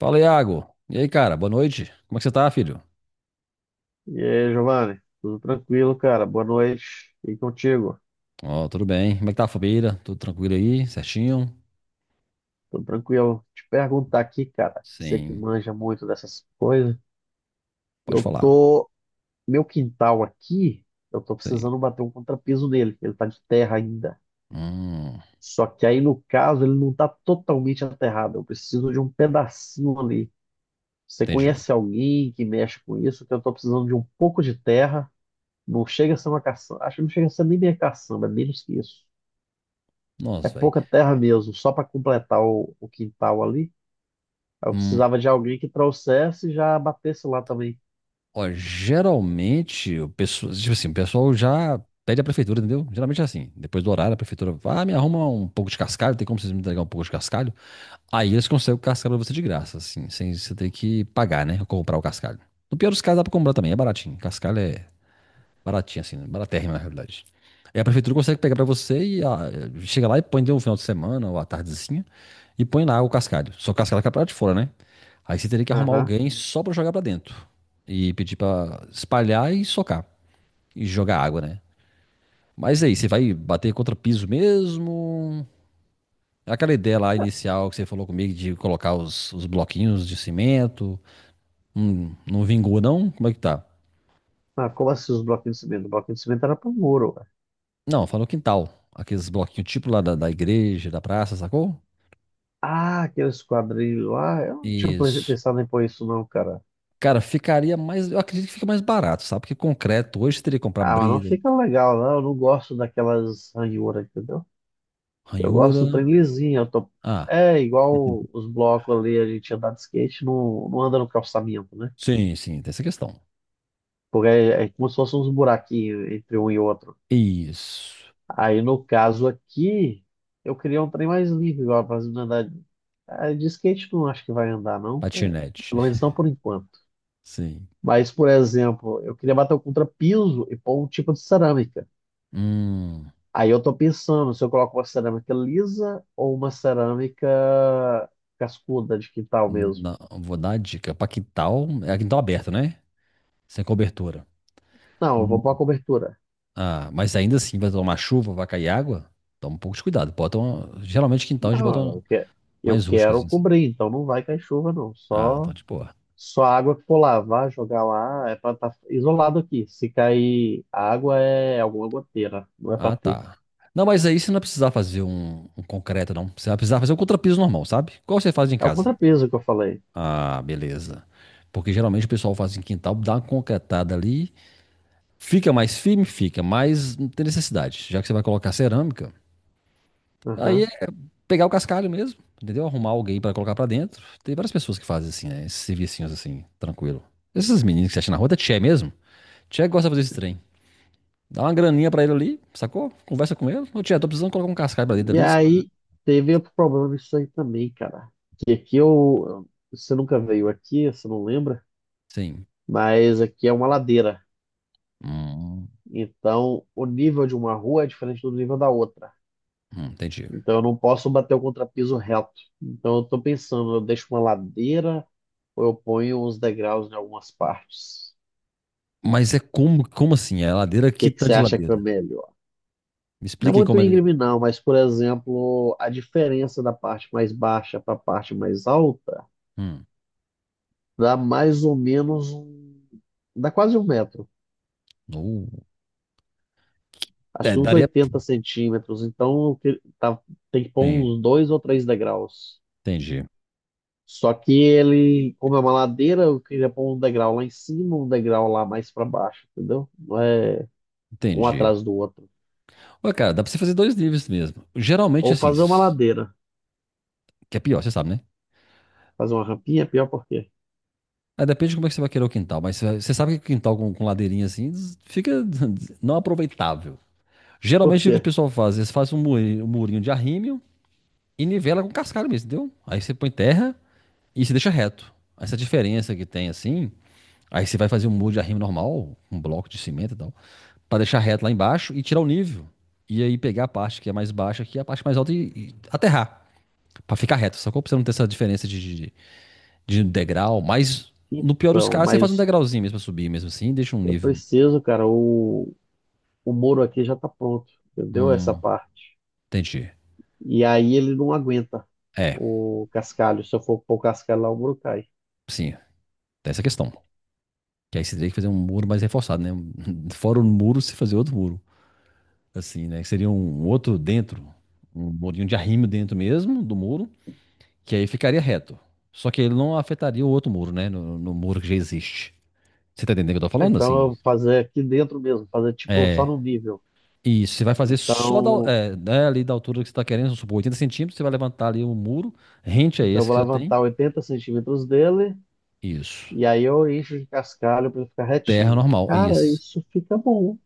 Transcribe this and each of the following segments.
Fala, Iago. E aí, cara? Boa noite. Como é que você tá, filho? E aí, Giovanni, tudo tranquilo, cara? Boa noite. E contigo? Ó, tudo bem. Como é que tá a família? Tudo tranquilo aí? Certinho? Tudo tranquilo? Te perguntar aqui, cara, você que Sim. manja muito dessas coisas. Pode Eu falar. tô. Meu quintal aqui, eu tô Sim. precisando bater um contrapiso nele. Ele tá de terra ainda. Hum, Só que aí, no caso, ele não tá totalmente aterrado. Eu preciso de um pedacinho ali. Você entendi. conhece alguém que mexe com isso? Que eu tô precisando de um pouco de terra. Não chega a ser uma caçamba. Acho que não chega a ser nem minha caçamba, é menos que isso. É Nossa, velho. pouca terra mesmo, só para completar o quintal ali. Eu Hum, precisava de alguém que trouxesse e já batesse lá também. ó, geralmente, o pessoal, tipo assim, o pessoal já pede a prefeitura, entendeu? Geralmente é assim. Depois do horário, a prefeitura vai, me arruma um pouco de cascalho. Tem como vocês me entregar um pouco de cascalho? Aí eles conseguem o cascalho pra você de graça, assim, sem você ter que pagar, né? Ou comprar o cascalho. No pior dos casos, dá pra comprar também. É baratinho. Cascalho é baratinho, assim, né? Baratérrimo, na realidade. Aí a prefeitura consegue pegar pra você e chega lá e põe de um final de semana ou à tardezinha e põe lá o cascalho. Só que o cascalho fica pra lá de fora, né? Aí você teria que arrumar Aham. alguém só pra jogar pra dentro e pedir pra espalhar e socar e jogar água, né? Mas aí, você vai bater contra piso mesmo? Aquela ideia lá inicial que você falou comigo de colocar os bloquinhos de cimento, não vingou não? Como é que tá? Ah, como assim os bloquinhos de cimento? O bloquinho de cimento era pro muro, ué. Não, falou quintal. Aqueles bloquinhos tipo lá da igreja, da praça, sacou? Ah, aqueles quadrilhos lá. Eu não tinha Isso. pensado em pôr isso não, cara. Cara, ficaria mais. Eu acredito que fica mais barato, sabe? Porque concreto hoje você teria que comprar Ah, mas não brida, fica legal, não. Eu não gosto daquelas ranhuras, entendeu? Eu gosto do ranhura. trem lisinho. Eu tô. Ah, É igual os blocos ali, a gente andar de skate, não, não anda no calçamento, né? sim, sim, tem essa questão. Porque é, é como se fossem uns buraquinhos entre um e outro. Isso. Aí, no caso aqui, eu queria um trem mais livre, igual pra não andar. De skate não acho que vai andar, não. É, Patinete. pelo menos não por enquanto. Sim. Mas, por exemplo, eu queria bater o contrapiso e pôr um tipo de cerâmica. Hum. Aí eu tô pensando se eu coloco uma cerâmica lisa ou uma cerâmica cascuda de quintal mesmo. Não, vou dar a dica. Pra quintal. É quintal aberto, né? Sem cobertura. Não, eu vou pôr a Hum. cobertura. Ah, mas ainda assim vai tomar chuva, vai cair água. Toma um pouco de cuidado. Bota uma, geralmente quintal a gente bota uma Não, eu mais rústicas, quero assim. cobrir, então não vai cair chuva, não. Ah, então, Só de boa. Só a água que for lavar, jogar lá, é pra estar isolado aqui. Se cair água, é alguma goteira, não é pra Ah, ter. tá. Não, mas aí você não vai precisar fazer um concreto, não. Você vai precisar fazer um contrapiso normal, sabe? Igual você faz em É o casa. contrapeso que eu falei. Ah, beleza. Porque geralmente o pessoal faz em quintal, dá uma concretada ali, fica mais firme, fica, mas não tem necessidade. Já que você vai colocar cerâmica, aí Aham. é pegar o cascalho mesmo, entendeu? Arrumar alguém pra colocar pra dentro. Tem várias pessoas que fazem assim, né? Esses servicinhos, assim, tranquilo. Esses meninos que você acha na rua, é tchê mesmo? Tchê gosta de fazer esse trem. Dá uma graninha pra ele ali, sacou? Conversa com ele. Ô, tia, tô precisando colocar um cascalho pra dentro E ali. Olha. aí, teve outro problema disso aí também, cara. Que aqui eu. Você nunca veio aqui, você não lembra, Sim. mas aqui é uma ladeira. Hum, Então, o nível de uma rua é diferente do nível da outra. Entendi. Então, eu não posso bater o contrapiso reto. Então, eu tô pensando, eu deixo uma ladeira ou eu ponho uns degraus em algumas partes. Mas é como, como assim? É ladeira que que que tá você de acha que é ladeira. melhor? Me Não é explique muito como é que. íngreme, não, mas, por exemplo, a diferença da parte mais baixa para a parte mais alta Hum. dá mais ou menos um. Dá quase 1 metro. Uh. Acho É, que uns daria. 80 centímetros. Então, tem que pôr Tem. uns dois ou três degraus. Entendi. Só que ele, como é uma ladeira, eu queria pôr um degrau lá em cima, um degrau lá mais para baixo, entendeu? Não é um Entendi. atrás do outro. Ué, cara, dá pra você fazer dois níveis mesmo. Geralmente, Ou assim, fazer uma ladeira. que é pior, você sabe, né? Fazer uma rampinha é pior por quê? Aí depende de como é que você vai querer o quintal, mas você você sabe que o quintal com, ladeirinha assim fica não aproveitável. Por Geralmente o que o quê? pessoal faz, eles fazem um murinho de arrimo e nivela com cascalho mesmo, entendeu? Aí você põe terra e se deixa reto. Essa diferença que tem assim, aí você vai fazer um muro de arrimo normal, um bloco de cimento e tal, pra deixar reto lá embaixo e tirar o nível. E aí pegar a parte que é mais baixa aqui, a parte mais alta e aterrar. Pra ficar reto, só que você não ter essa diferença de um degrau, mas no pior dos Então, casos, você faz um mas degrauzinho mesmo pra subir mesmo assim e deixa um eu nível. preciso, cara. O Moro aqui já tá pronto, entendeu? Essa Hum, parte. entendi. E aí ele não aguenta É, o cascalho. Se eu for pôr o cascalho lá, o Moro cai. sim, tem essa questão. Que aí você teria que fazer um muro mais reforçado, né? Fora o muro, você fazer outro muro, assim, né? Que seria um outro dentro, um murinho de arrimo dentro mesmo do muro, que aí ficaria reto. Só que ele não afetaria o outro muro, né? No muro que já existe. Você tá entendendo o que eu tô Ah, falando, então eu assim? vou fazer aqui dentro mesmo, fazer tipo só no nível. E isso, você vai fazer só da, Então, é, né, ali da altura que você tá querendo, vamos supor, 80 centímetros, você vai levantar ali o muro, rente a então, eu esse vou que já tem. levantar 80 centímetros dele Isso. e aí eu encho de cascalho para ele ficar Terra retinho. normal, Cara, isso. isso fica bom.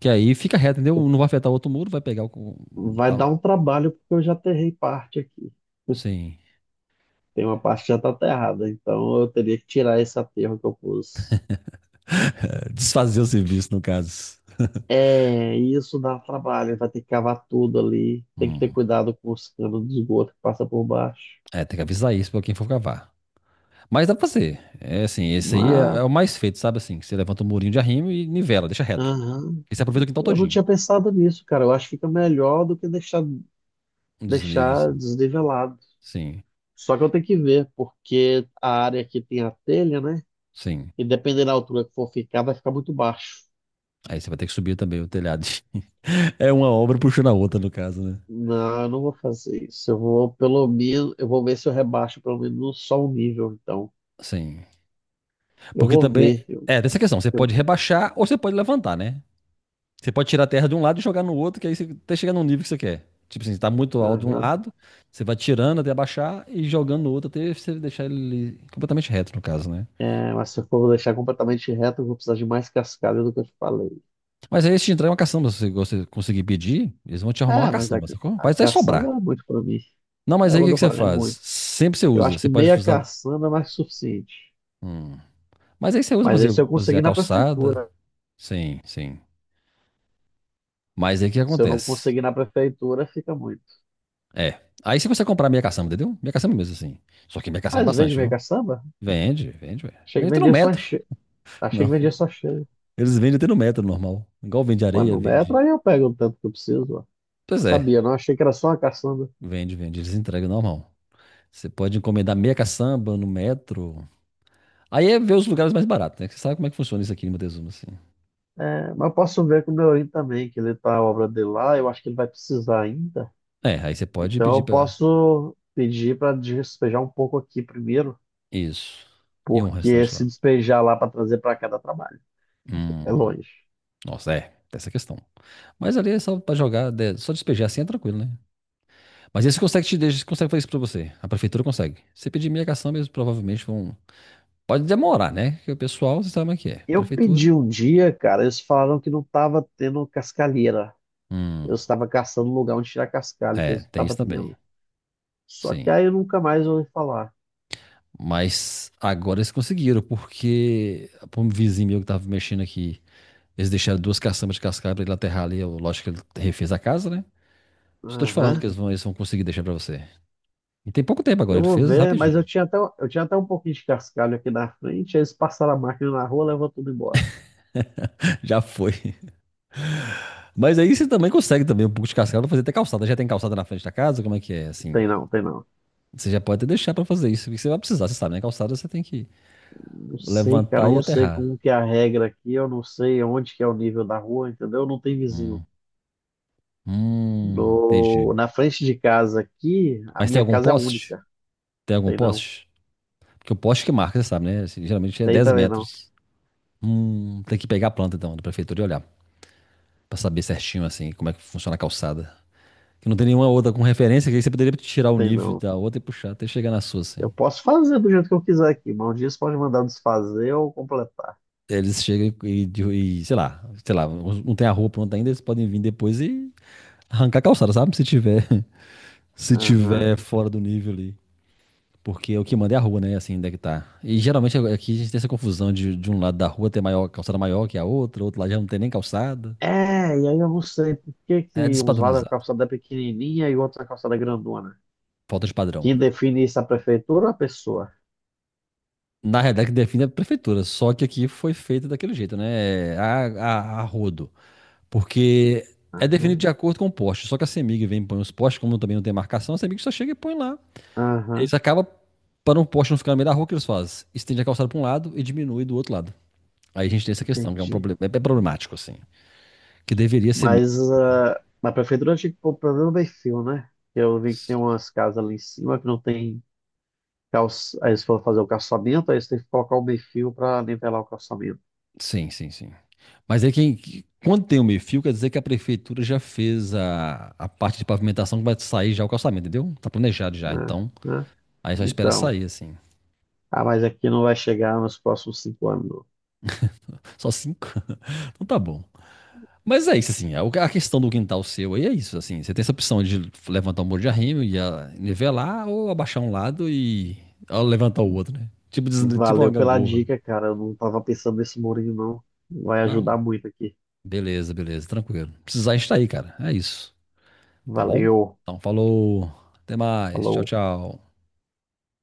Que aí fica reto, entendeu? Não vai afetar o outro muro, vai pegar o Vai dar a- um trabalho porque eu já aterrei parte aqui. sim. Tem uma parte que já tá aterrada, então eu teria que tirar esse aterro que eu pus. Desfazer o serviço, no caso. É, isso dá trabalho, vai ter que cavar tudo ali. Tem que ter Hum. cuidado com os canos de esgoto que passa por baixo. É, tem que avisar isso pra quem for cavar. Mas dá pra fazer. É assim, esse aí é, Mas, é o mais feito, sabe assim? Que você levanta o murinho de arrimo e nivela, deixa reto. aham, E você aproveita o quintal eu não todinho. tinha pensado nisso, cara. Eu acho que fica melhor do que deixar, Um desnível, deixar assim. desnivelado. Sim, Só que eu tenho que ver, porque a área que tem a telha, né? sim. E dependendo da altura que for ficar, vai ficar muito baixo. Aí você vai ter que subir também o telhado. É uma obra puxando a outra, no caso, né? Não, eu não vou fazer isso. Eu vou, pelo menos, eu vou ver se eu rebaixo pelo menos só um nível, então. Sim. Eu Porque vou também. ver. É, tem essa questão. Você eu, pode rebaixar ou você pode levantar, né? Você pode tirar a terra de um lado e jogar no outro, que aí você até chegar num nível que você quer. Tipo assim, você tá muito alto de um aham. lado, você vai tirando até abaixar e jogando no outro até você deixar ele completamente reto, no caso, né? É, mas se eu for deixar completamente reto, eu vou precisar de mais cascalho do que eu te falei. Mas aí se te entrar uma caçamba, se você conseguir pedir, eles vão te arrumar uma Ah, mas a, caçamba, ca- sacou? a Pode até caçamba é sobrar. muito pra mim. Não, É mas aí o quando que eu que você falo, é faz? muito. Sempre você Eu usa. acho Você que pode meia usar. caçamba é mais que suficiente. Hum. Mas aí você usa pra Mas aí fazer, se eu fazer a conseguir na calçada. prefeitura. Sim, sim. Mas aí o que Se eu não acontece? conseguir na prefeitura, fica muito. É. Aí se você consegue comprar meia caçamba, entendeu? Meia caçamba mesmo, assim. Só que meia caçamba é Às vezes bastante, meia viu? caçamba, Vende, vende, ué. achei Vende que até no vendia só metro. cheio, achei que Não. vendia só cheio. Eles vendem até no metro normal. Igual vende Mas areia, no metro vende. aí eu pego o tanto que eu preciso, ó. Pois é. Sabia, não? Achei que era só uma caçamba. Vende, vende. Eles entregam normal. Você pode encomendar meia caçamba no metro. Aí é ver os lugares mais baratos, né? Que você sabe como é que funciona isso aqui em Montezuma, assim. É, mas eu posso ver com o Neorim também, que ele tá a obra dele lá. Eu acho que ele vai precisar ainda. É, aí você pode Então pedir eu pra. posso pedir para despejar um pouco aqui primeiro, Isso. E um porque restaurante se lá. despejar lá para trazer para cá dá trabalho, é Hum. longe. Nossa, é. Tem essa questão. Mas ali é só pra jogar, só despejar assim é tranquilo, né? Mas esse consegue te deixa, consegue fazer isso pra você. A prefeitura consegue. Se pedir minha cação, eles provavelmente vão. Pode demorar, né? Porque o pessoal, você sabe como é que é. Eu Prefeitura. pedi um dia, cara, eles falaram que não estava tendo cascalheira. Eu Hum. estava caçando um lugar onde tirar cascalho, que É, eles não tem isso estavam também. tendo. Só que Sim. aí eu nunca mais ouvi falar. Mas agora eles conseguiram, porque pô, um vizinho meu que tava mexendo aqui. Eles deixaram 2 caçambas de cascalho pra ele aterrar ali. Eu, lógico que ele refez a casa, né? Só tô te falando Aham. que eles vão conseguir deixar pra você. E tem pouco tempo agora, Eu ele vou fez ver, mas eu rapidinho. tinha até, eu tinha até um pouquinho de cascalho aqui na frente, aí eles passaram a máquina na rua, levou tudo embora. Já foi. Mas aí você também consegue também um pouco de cascalho pra fazer até calçada. Já tem calçada na frente da casa? Como é que é, assim? Tem não, tem não. Você já pode até deixar pra fazer isso, porque você vai precisar, você sabe, né? Calçada você tem que Não sei, cara, eu levantar e não sei aterrar. como que é a regra aqui, eu não sei onde que é o nível da rua, entendeu? Não tem vizinho. Hum, No, entendi. na frente de casa aqui, a Mas tem minha algum casa é poste? única. Tem algum Tem não. poste? Porque o poste que marca, você sabe, né? Assim, geralmente é Tem 10 também não. metros. Tem que pegar a planta, então, da prefeitura e olhar. Pra saber certinho, assim, como é que funciona a calçada. Que não tem nenhuma outra com referência, que aí você poderia tirar o Tem nível não. da outra e puxar até chegar na sua, assim. Eu posso fazer do jeito que eu quiser aqui, mas um dia você pode mandar desfazer ou completar. Eles chegam e, sei lá, não tem a rua pronta ainda, eles podem vir depois e arrancar a calçada, sabe? Se tiver, se Aham. tiver fora do nível ali. Porque o que manda é a rua, né? Assim, onde é que tá. E geralmente é, aqui a gente tem essa confusão de um lado da rua ter maior, calçada maior que a outra, outro lado já não tem nem calçada. É, e aí eu não sei por que É que uns lados a despadronizado. calçada é pequenininha e outros a calçada é grandona. Falta de padrão. Quem define isso é a prefeitura ou a pessoa? Na realidade, que define é a prefeitura, só que aqui foi feito daquele jeito, né? É, a rodo. Porque é definido Aham, de acordo com o poste. Só que a CEMIG vem e põe os postes, como também não tem marcação, a CEMIG só chega e põe lá. aham, Eles acabam, para um poste não ficar no meio da rua, o que eles fazem? Estende a calçada para um lado e diminui do outro lado. Aí a gente tem essa questão, que é um entendi. problema, é problemático, assim. Que deveria ser. Me- Mas na prefeitura tinha que pôr pelo menos meio fio, né? Eu vi que tem umas casas ali em cima que não tem calço. Aí eles foram fazer o calçamento, aí eles têm que colocar o meio fio para nivelar o calçamento. Sim, sim, sim. Quando tem o meio-fio, quer dizer que a prefeitura já fez a parte de pavimentação que vai sair já o calçamento, entendeu? Tá planejado já. Né? Então, Né? aí só espera Então, sair, assim. Mas aqui não vai chegar nos próximos 5 anos, não. Só cinco? Então tá bom. Mas é isso, assim. A questão do quintal seu aí é isso, assim. Você tem essa opção de levantar um muro de arrimo e nivelar ou abaixar um lado e levantar o outro, né? Tipo, tipo uma Valeu pela gangorra. dica, cara. Eu não tava pensando nesse murinho, não. Vai ajudar Não, muito aqui. beleza, beleza, tranquilo. Precisar, a gente tá aí, cara. É isso. Tá bom? Valeu. Então falou. Até mais. Tchau, Falou. tchau.